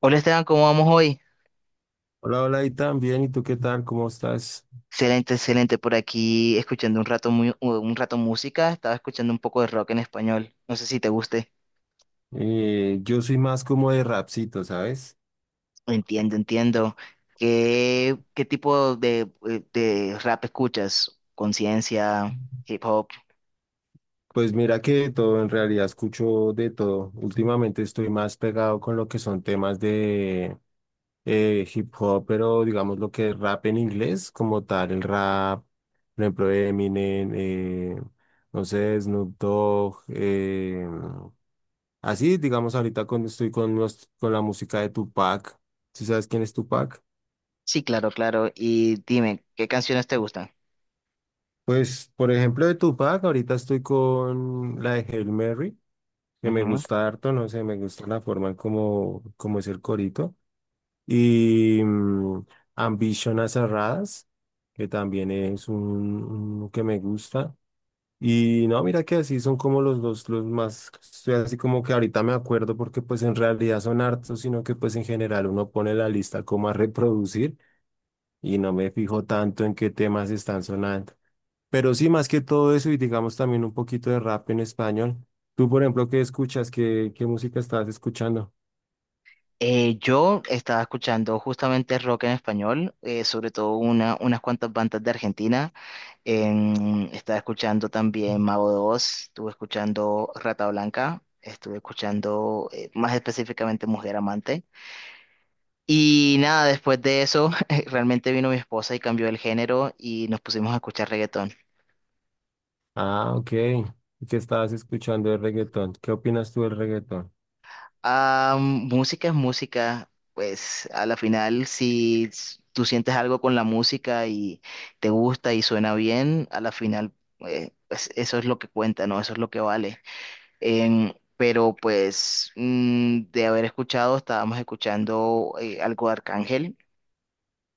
Hola, Esteban, ¿cómo vamos hoy? Hola, hola, y también, ¿y tú qué tal? ¿Cómo estás? Excelente, excelente. Por aquí escuchando un rato, un rato música. Estaba escuchando un poco de rock en español. No sé si te guste. Yo soy más como de rapcito, ¿sabes? Entiendo, entiendo. ¿Qué tipo de rap escuchas? ¿Conciencia, hip hop? Pues mira que de todo, en realidad escucho de todo. Últimamente estoy más pegado con lo que son temas de hip hop, pero digamos lo que es rap en inglés, como tal, el rap, por ejemplo, Eminem, no sé, Snoop Dogg, así, digamos, estoy con, con la música de Tupac. ¿Sí sabes quién es Tupac? Sí, claro, claro. Y dime, ¿qué canciones te gustan? Pues, por ejemplo, de Tupac, ahorita estoy con la de Hail Mary, que me Ujú. gusta harto, no sé, me gusta la forma en cómo es el corito. Y Ambition a Cerradas, que también es un que me gusta. Y no, mira que así son como los dos, los más, estoy así como que ahorita me acuerdo porque pues en realidad son hartos, sino que pues en general uno pone la lista como a reproducir y no me fijo tanto en qué temas están sonando. Pero sí, más que todo eso y digamos también un poquito de rap en español. Tú, por ejemplo, ¿qué escuchas? Qué música estabas escuchando? Yo estaba escuchando justamente rock en español, sobre todo unas cuantas bandas de Argentina. Estaba escuchando también Mago de Oz, estuve escuchando Rata Blanca, estuve escuchando más específicamente Mujer Amante. Y nada, después de eso, realmente vino mi esposa y cambió el género y nos pusimos a escuchar reggaetón. Ah, ok. ¿Y qué estabas escuchando de reggaetón? ¿Qué opinas tú del reggaetón? Ah, música es música. Pues a la final, si tú sientes algo con la música y te gusta y suena bien, a la final, pues eso es lo que cuenta, ¿no? Eso es lo que vale. Pero pues de haber escuchado, estábamos escuchando algo de Arcángel,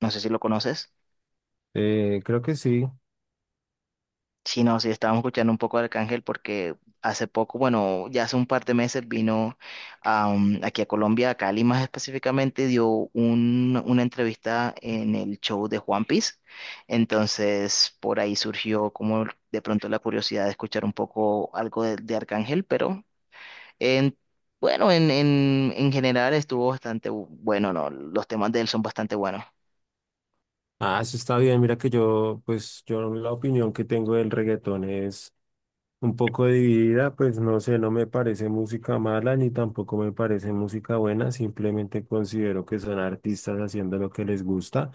no sé si lo conoces. Creo que sí. Sí, no, sí, estábamos escuchando un poco de Arcángel porque hace poco, bueno, ya hace un par de meses vino aquí a Colombia, a Cali más específicamente, dio una entrevista en el show de Juan Piece. Entonces, por ahí surgió como de pronto la curiosidad de escuchar un poco algo de Arcángel. Pero En, bueno, en general estuvo bastante bueno, ¿no? Los temas de él son bastante buenos. Ah, eso está bien. Mira que yo, pues yo la opinión que tengo del reggaetón es un poco dividida, pues no sé, no me parece música mala ni tampoco me parece música buena, simplemente considero que son artistas haciendo lo que les gusta.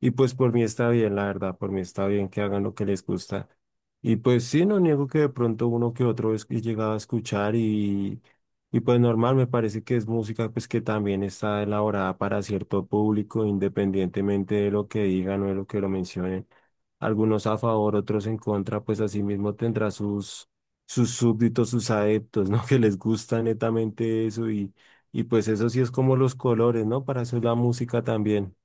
Y pues por mí está bien, la verdad, por mí está bien que hagan lo que les gusta. Y pues sí, no niego que de pronto uno que otro es que he llegado a escuchar y pues normal, me parece que es música pues que también está elaborada para cierto público, independientemente de lo que digan o de lo que lo mencionen. Algunos a favor, otros en contra, pues así mismo tendrá sus, sus súbditos, sus adeptos, ¿no? Que les gusta netamente eso y pues eso sí es como los colores, ¿no? Para eso es la música también.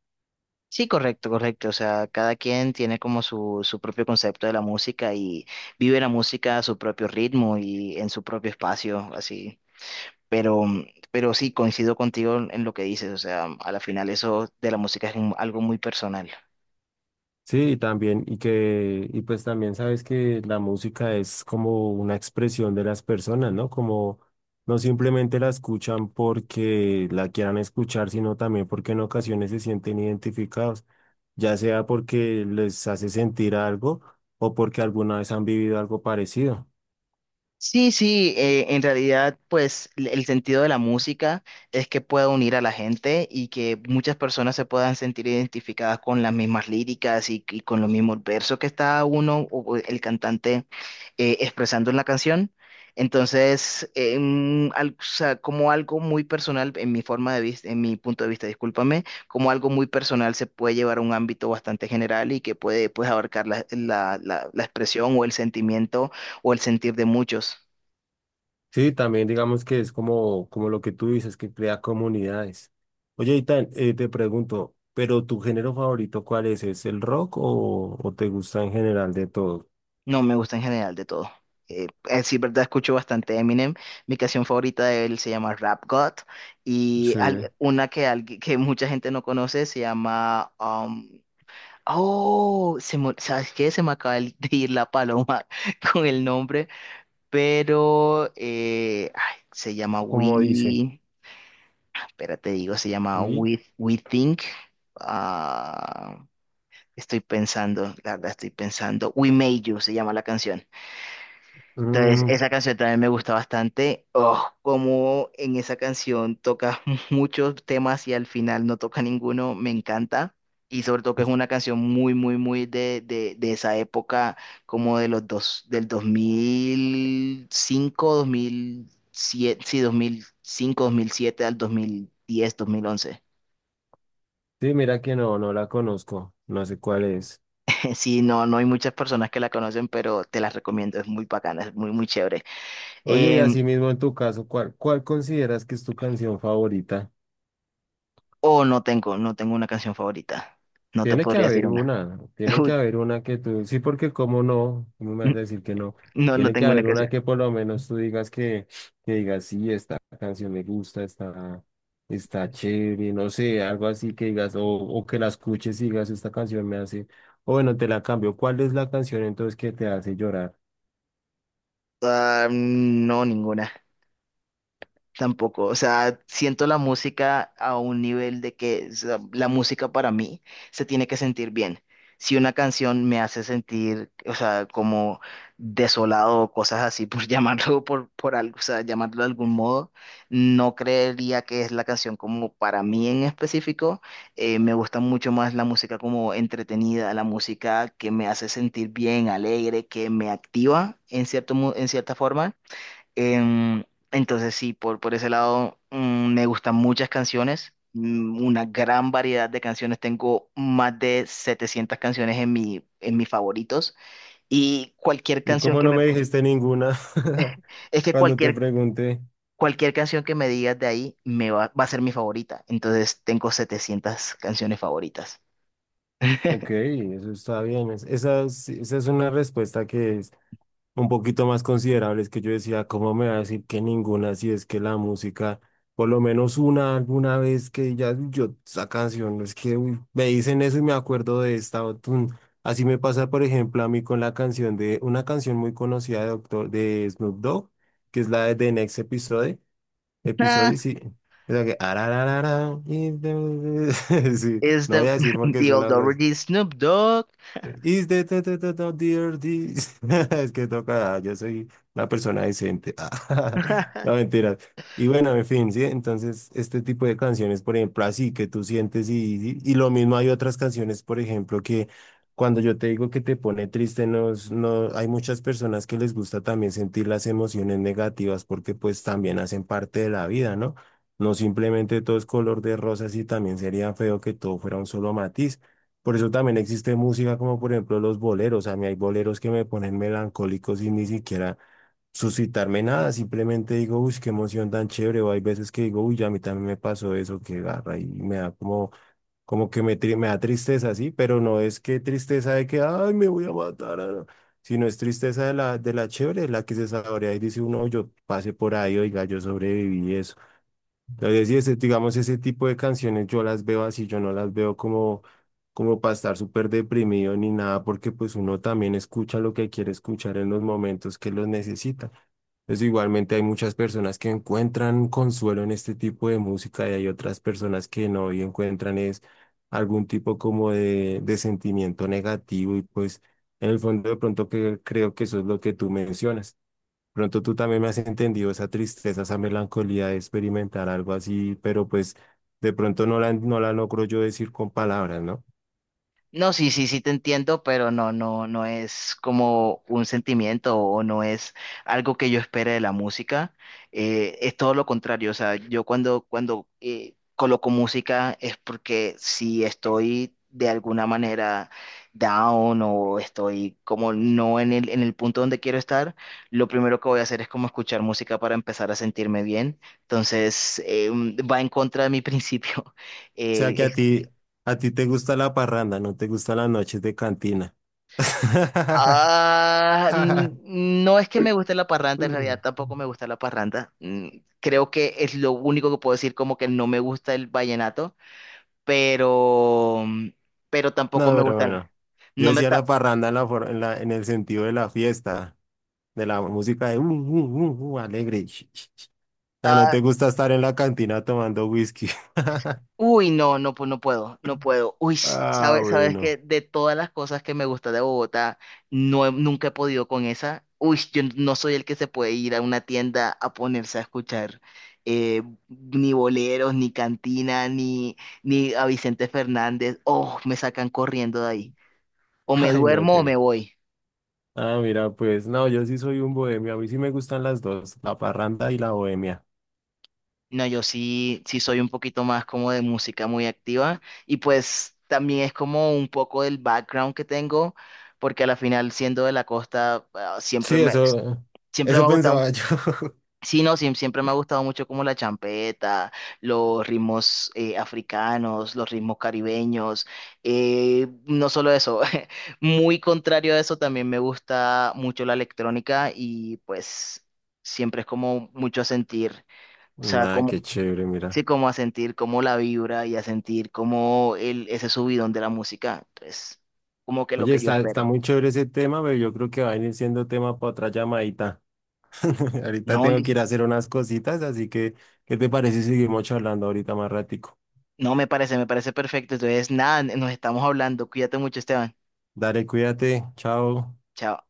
Sí, correcto, correcto. O sea, cada quien tiene como su propio concepto de la música y vive la música a su propio ritmo y en su propio espacio, así. Pero, pero sí, coincido contigo en lo que dices. O sea, a la final eso de la música es algo muy personal. Sí, y pues también sabes que la música es como una expresión de las personas, ¿no? Como no simplemente la escuchan porque la quieran escuchar, sino también porque en ocasiones se sienten identificados, ya sea porque les hace sentir algo o porque alguna vez han vivido algo parecido. Sí, sí, en realidad, pues el sentido de la música es que pueda unir a la gente y que muchas personas se puedan sentir identificadas con las mismas líricas y con los mismos versos que está uno o el cantante expresando en la canción. Entonces, o sea, como algo muy personal, en mi forma de vista, en mi punto de vista, discúlpame, como algo muy personal se puede llevar a un ámbito bastante general y que puede, pues, abarcar la expresión o el sentimiento o el sentir de muchos. Sí, también digamos que es como, como lo que tú dices, que crea comunidades. Oye, Itán, te pregunto, ¿pero tu género favorito cuál es? ¿Es el rock o te gusta en general de todo? No, me gusta en general de todo. Sí, verdad, escucho bastante Eminem. Mi canción favorita de él se llama Rap God, y Sí. Una que, que mucha gente no conoce, se llama... oh, ¿sabes qué? Se me acaba de ir la paloma con el nombre, pero ay, se llama Como dice? We... Espérate, digo, se llama Uy, We Think. Ah, estoy pensando, la verdad estoy pensando. We Made You se llama la canción. Entonces, mm, esa canción también me gusta bastante. Oh, como en esa canción toca muchos temas y al final no toca ninguno, me encanta. Y sobre todo que es una canción muy, muy, muy de esa época, como de los dos, del 2005, 2007, sí, 2005, dos mil siete al 2010, 2011. sí, mira que no, no la conozco, no sé cuál es. Sí, no, no hay muchas personas que la conocen, pero te las recomiendo, es muy bacana, es muy, muy chévere. Oye, y Em, así mismo en tu caso, cuál consideras que es tu canción favorita? o no tengo, no tengo una canción favorita. No te Tiene que podría decir haber una. una, tiene que haber una que tú, sí, porque cómo no, cómo me vas a Uy, decir que no, no, no tiene que tengo una haber una canción. que por lo menos tú digas que digas, sí, esta canción me gusta, está, está chévere, no sé, algo así que digas, o que la escuches y digas, esta canción me hace, o bueno, te la cambio, ¿cuál es la canción entonces que te hace llorar? Ah, no, ninguna. Tampoco. O sea, siento la música a un nivel de que, o sea, la música para mí se tiene que sentir bien. Si una canción me hace sentir, o sea, como desolado o cosas así, por llamarlo por algo, o sea, llamarlo de algún modo, no creería que es la canción como para mí en específico. Me gusta mucho más la música como entretenida, la música que me hace sentir bien, alegre, que me activa en cierto, en cierta forma. Em, entonces sí, por ese lado me gustan muchas canciones, una gran variedad de canciones. Tengo más de 700 canciones en en mis favoritos, y cualquier ¿Y canción cómo que no me... me dijiste ninguna Es que cuando te pregunté? cualquier canción que me digas de ahí me va a ser mi favorita. Entonces tengo 700 canciones favoritas. Ok, eso está bien, esa, esa es una respuesta que un poquito más considerables que yo decía, ¿cómo me va a decir que ninguna? Si es que la música, por lo menos una alguna vez que ya yo esa canción, es que uy, me dicen eso y me acuerdo de esta. O tun. Así me pasa, por ejemplo, a mí con la canción de una canción muy conocida de, Doctor, de Snoop Dogg, que es la de The Next Episode. Ah, Episode, sí. O sea que, arararara, sí, es no voy the, a decir porque the old suena grosero. Dougherty Snoop Dogg. Is the dear this- Es que toca, yo soy una persona decente. Ah, no, mentiras. Y bueno, en fin, sí, entonces este tipo de canciones, por ejemplo, así que tú sientes y lo mismo hay otras canciones, por ejemplo, que cuando yo te digo que te pone triste, no, no, hay muchas personas que les gusta también sentir las emociones negativas porque pues también hacen parte de la vida, ¿no? No simplemente todo es color de rosas y también sería feo que todo fuera un solo matiz. Por eso también existe música como por ejemplo los boleros. A mí hay boleros que me ponen melancólico sin ni siquiera suscitarme nada. Simplemente digo, uy, qué emoción tan chévere. O hay veces que digo, uy, a mí también me pasó eso, que garra. Y me da como, como que me da tristeza, sí, pero no es que tristeza de que, ay, me voy a matar. Ah, no, sino es tristeza de la chévere, la que se saborea y dice uno, yo pasé por ahí, oiga, yo sobreviví eso. Entonces, y ese, digamos, ese tipo de canciones yo las veo así, yo no las veo como, como para estar súper deprimido ni nada, porque pues uno también escucha lo que quiere escuchar en los momentos que los necesita. Entonces, igualmente hay muchas personas que encuentran consuelo en este tipo de música y hay otras personas que no y encuentran es algún tipo como de sentimiento negativo y pues en el fondo de pronto que creo que eso es lo que tú mencionas. Pronto tú también me has entendido esa tristeza, esa melancolía de experimentar algo así, pero pues de pronto no la logro yo decir con palabras, ¿no? O No, sí, sí, sí te entiendo, pero no, no, no es como un sentimiento o no es algo que yo espere de la música. Es todo lo contrario. O sea, yo cuando coloco música es porque si estoy de alguna manera down o estoy como no en en el punto donde quiero estar, lo primero que voy a hacer es como escuchar música para empezar a sentirme bien. Entonces, va en contra de mi principio. sea Eh, que a ti te gusta la parranda, no te gustan las noches de cantina. ah, no es que me guste la parranda, en realidad No, tampoco me gusta la parranda. Mm, creo que es lo único que puedo decir, como que no me gusta el vallenato, pero, pero tampoco me pero gusta, bueno, yo no me, decía la parranda en la, en el sentido de la fiesta, de la música de alegre. O sea, no ah, te gusta estar en la cantina tomando whisky. uy, no, no, pues no puedo, no puedo. Uy, Ah, sabes, sabes que bueno. de todas las cosas que me gusta de Bogotá, no, nunca he podido con esa. Uy, yo no soy el que se puede ir a una tienda a ponerse a escuchar ni boleros, ni cantina, ni a Vicente Fernández. Oh, me sacan corriendo de ahí. O me Ay, no, duermo o que. me voy. Ah, mira, pues no, yo sí soy un bohemio. A mí sí me gustan las dos, la parranda y la bohemia. No, yo sí, sí soy un poquito más como de música muy activa, y pues también es como un poco del background que tengo, porque a la final siendo de la costa ah, Sí, eso, siempre me eso ha pensaba gustado, yo. sí, no, siempre me ha gustado mucho como la champeta, los ritmos africanos, los ritmos caribeños, no solo eso, muy contrario a eso también me gusta mucho la electrónica, y pues siempre es como mucho a sentir. O sea, Nada, qué chévere, mira. sí, como a sentir como la vibra y a sentir como el, ese subidón de la música. Entonces, como que lo Oye, que yo está, está espero. muy chévere ese tema, pero yo creo que va a venir siendo tema para otra llamadita. Ahorita No, tengo Liz. que ir a hacer unas cositas, así que, ¿qué te parece si seguimos charlando ahorita más ratico? No, me parece perfecto. Entonces, nada, nos estamos hablando. Cuídate mucho, Esteban. Dale, cuídate, chao. Chao.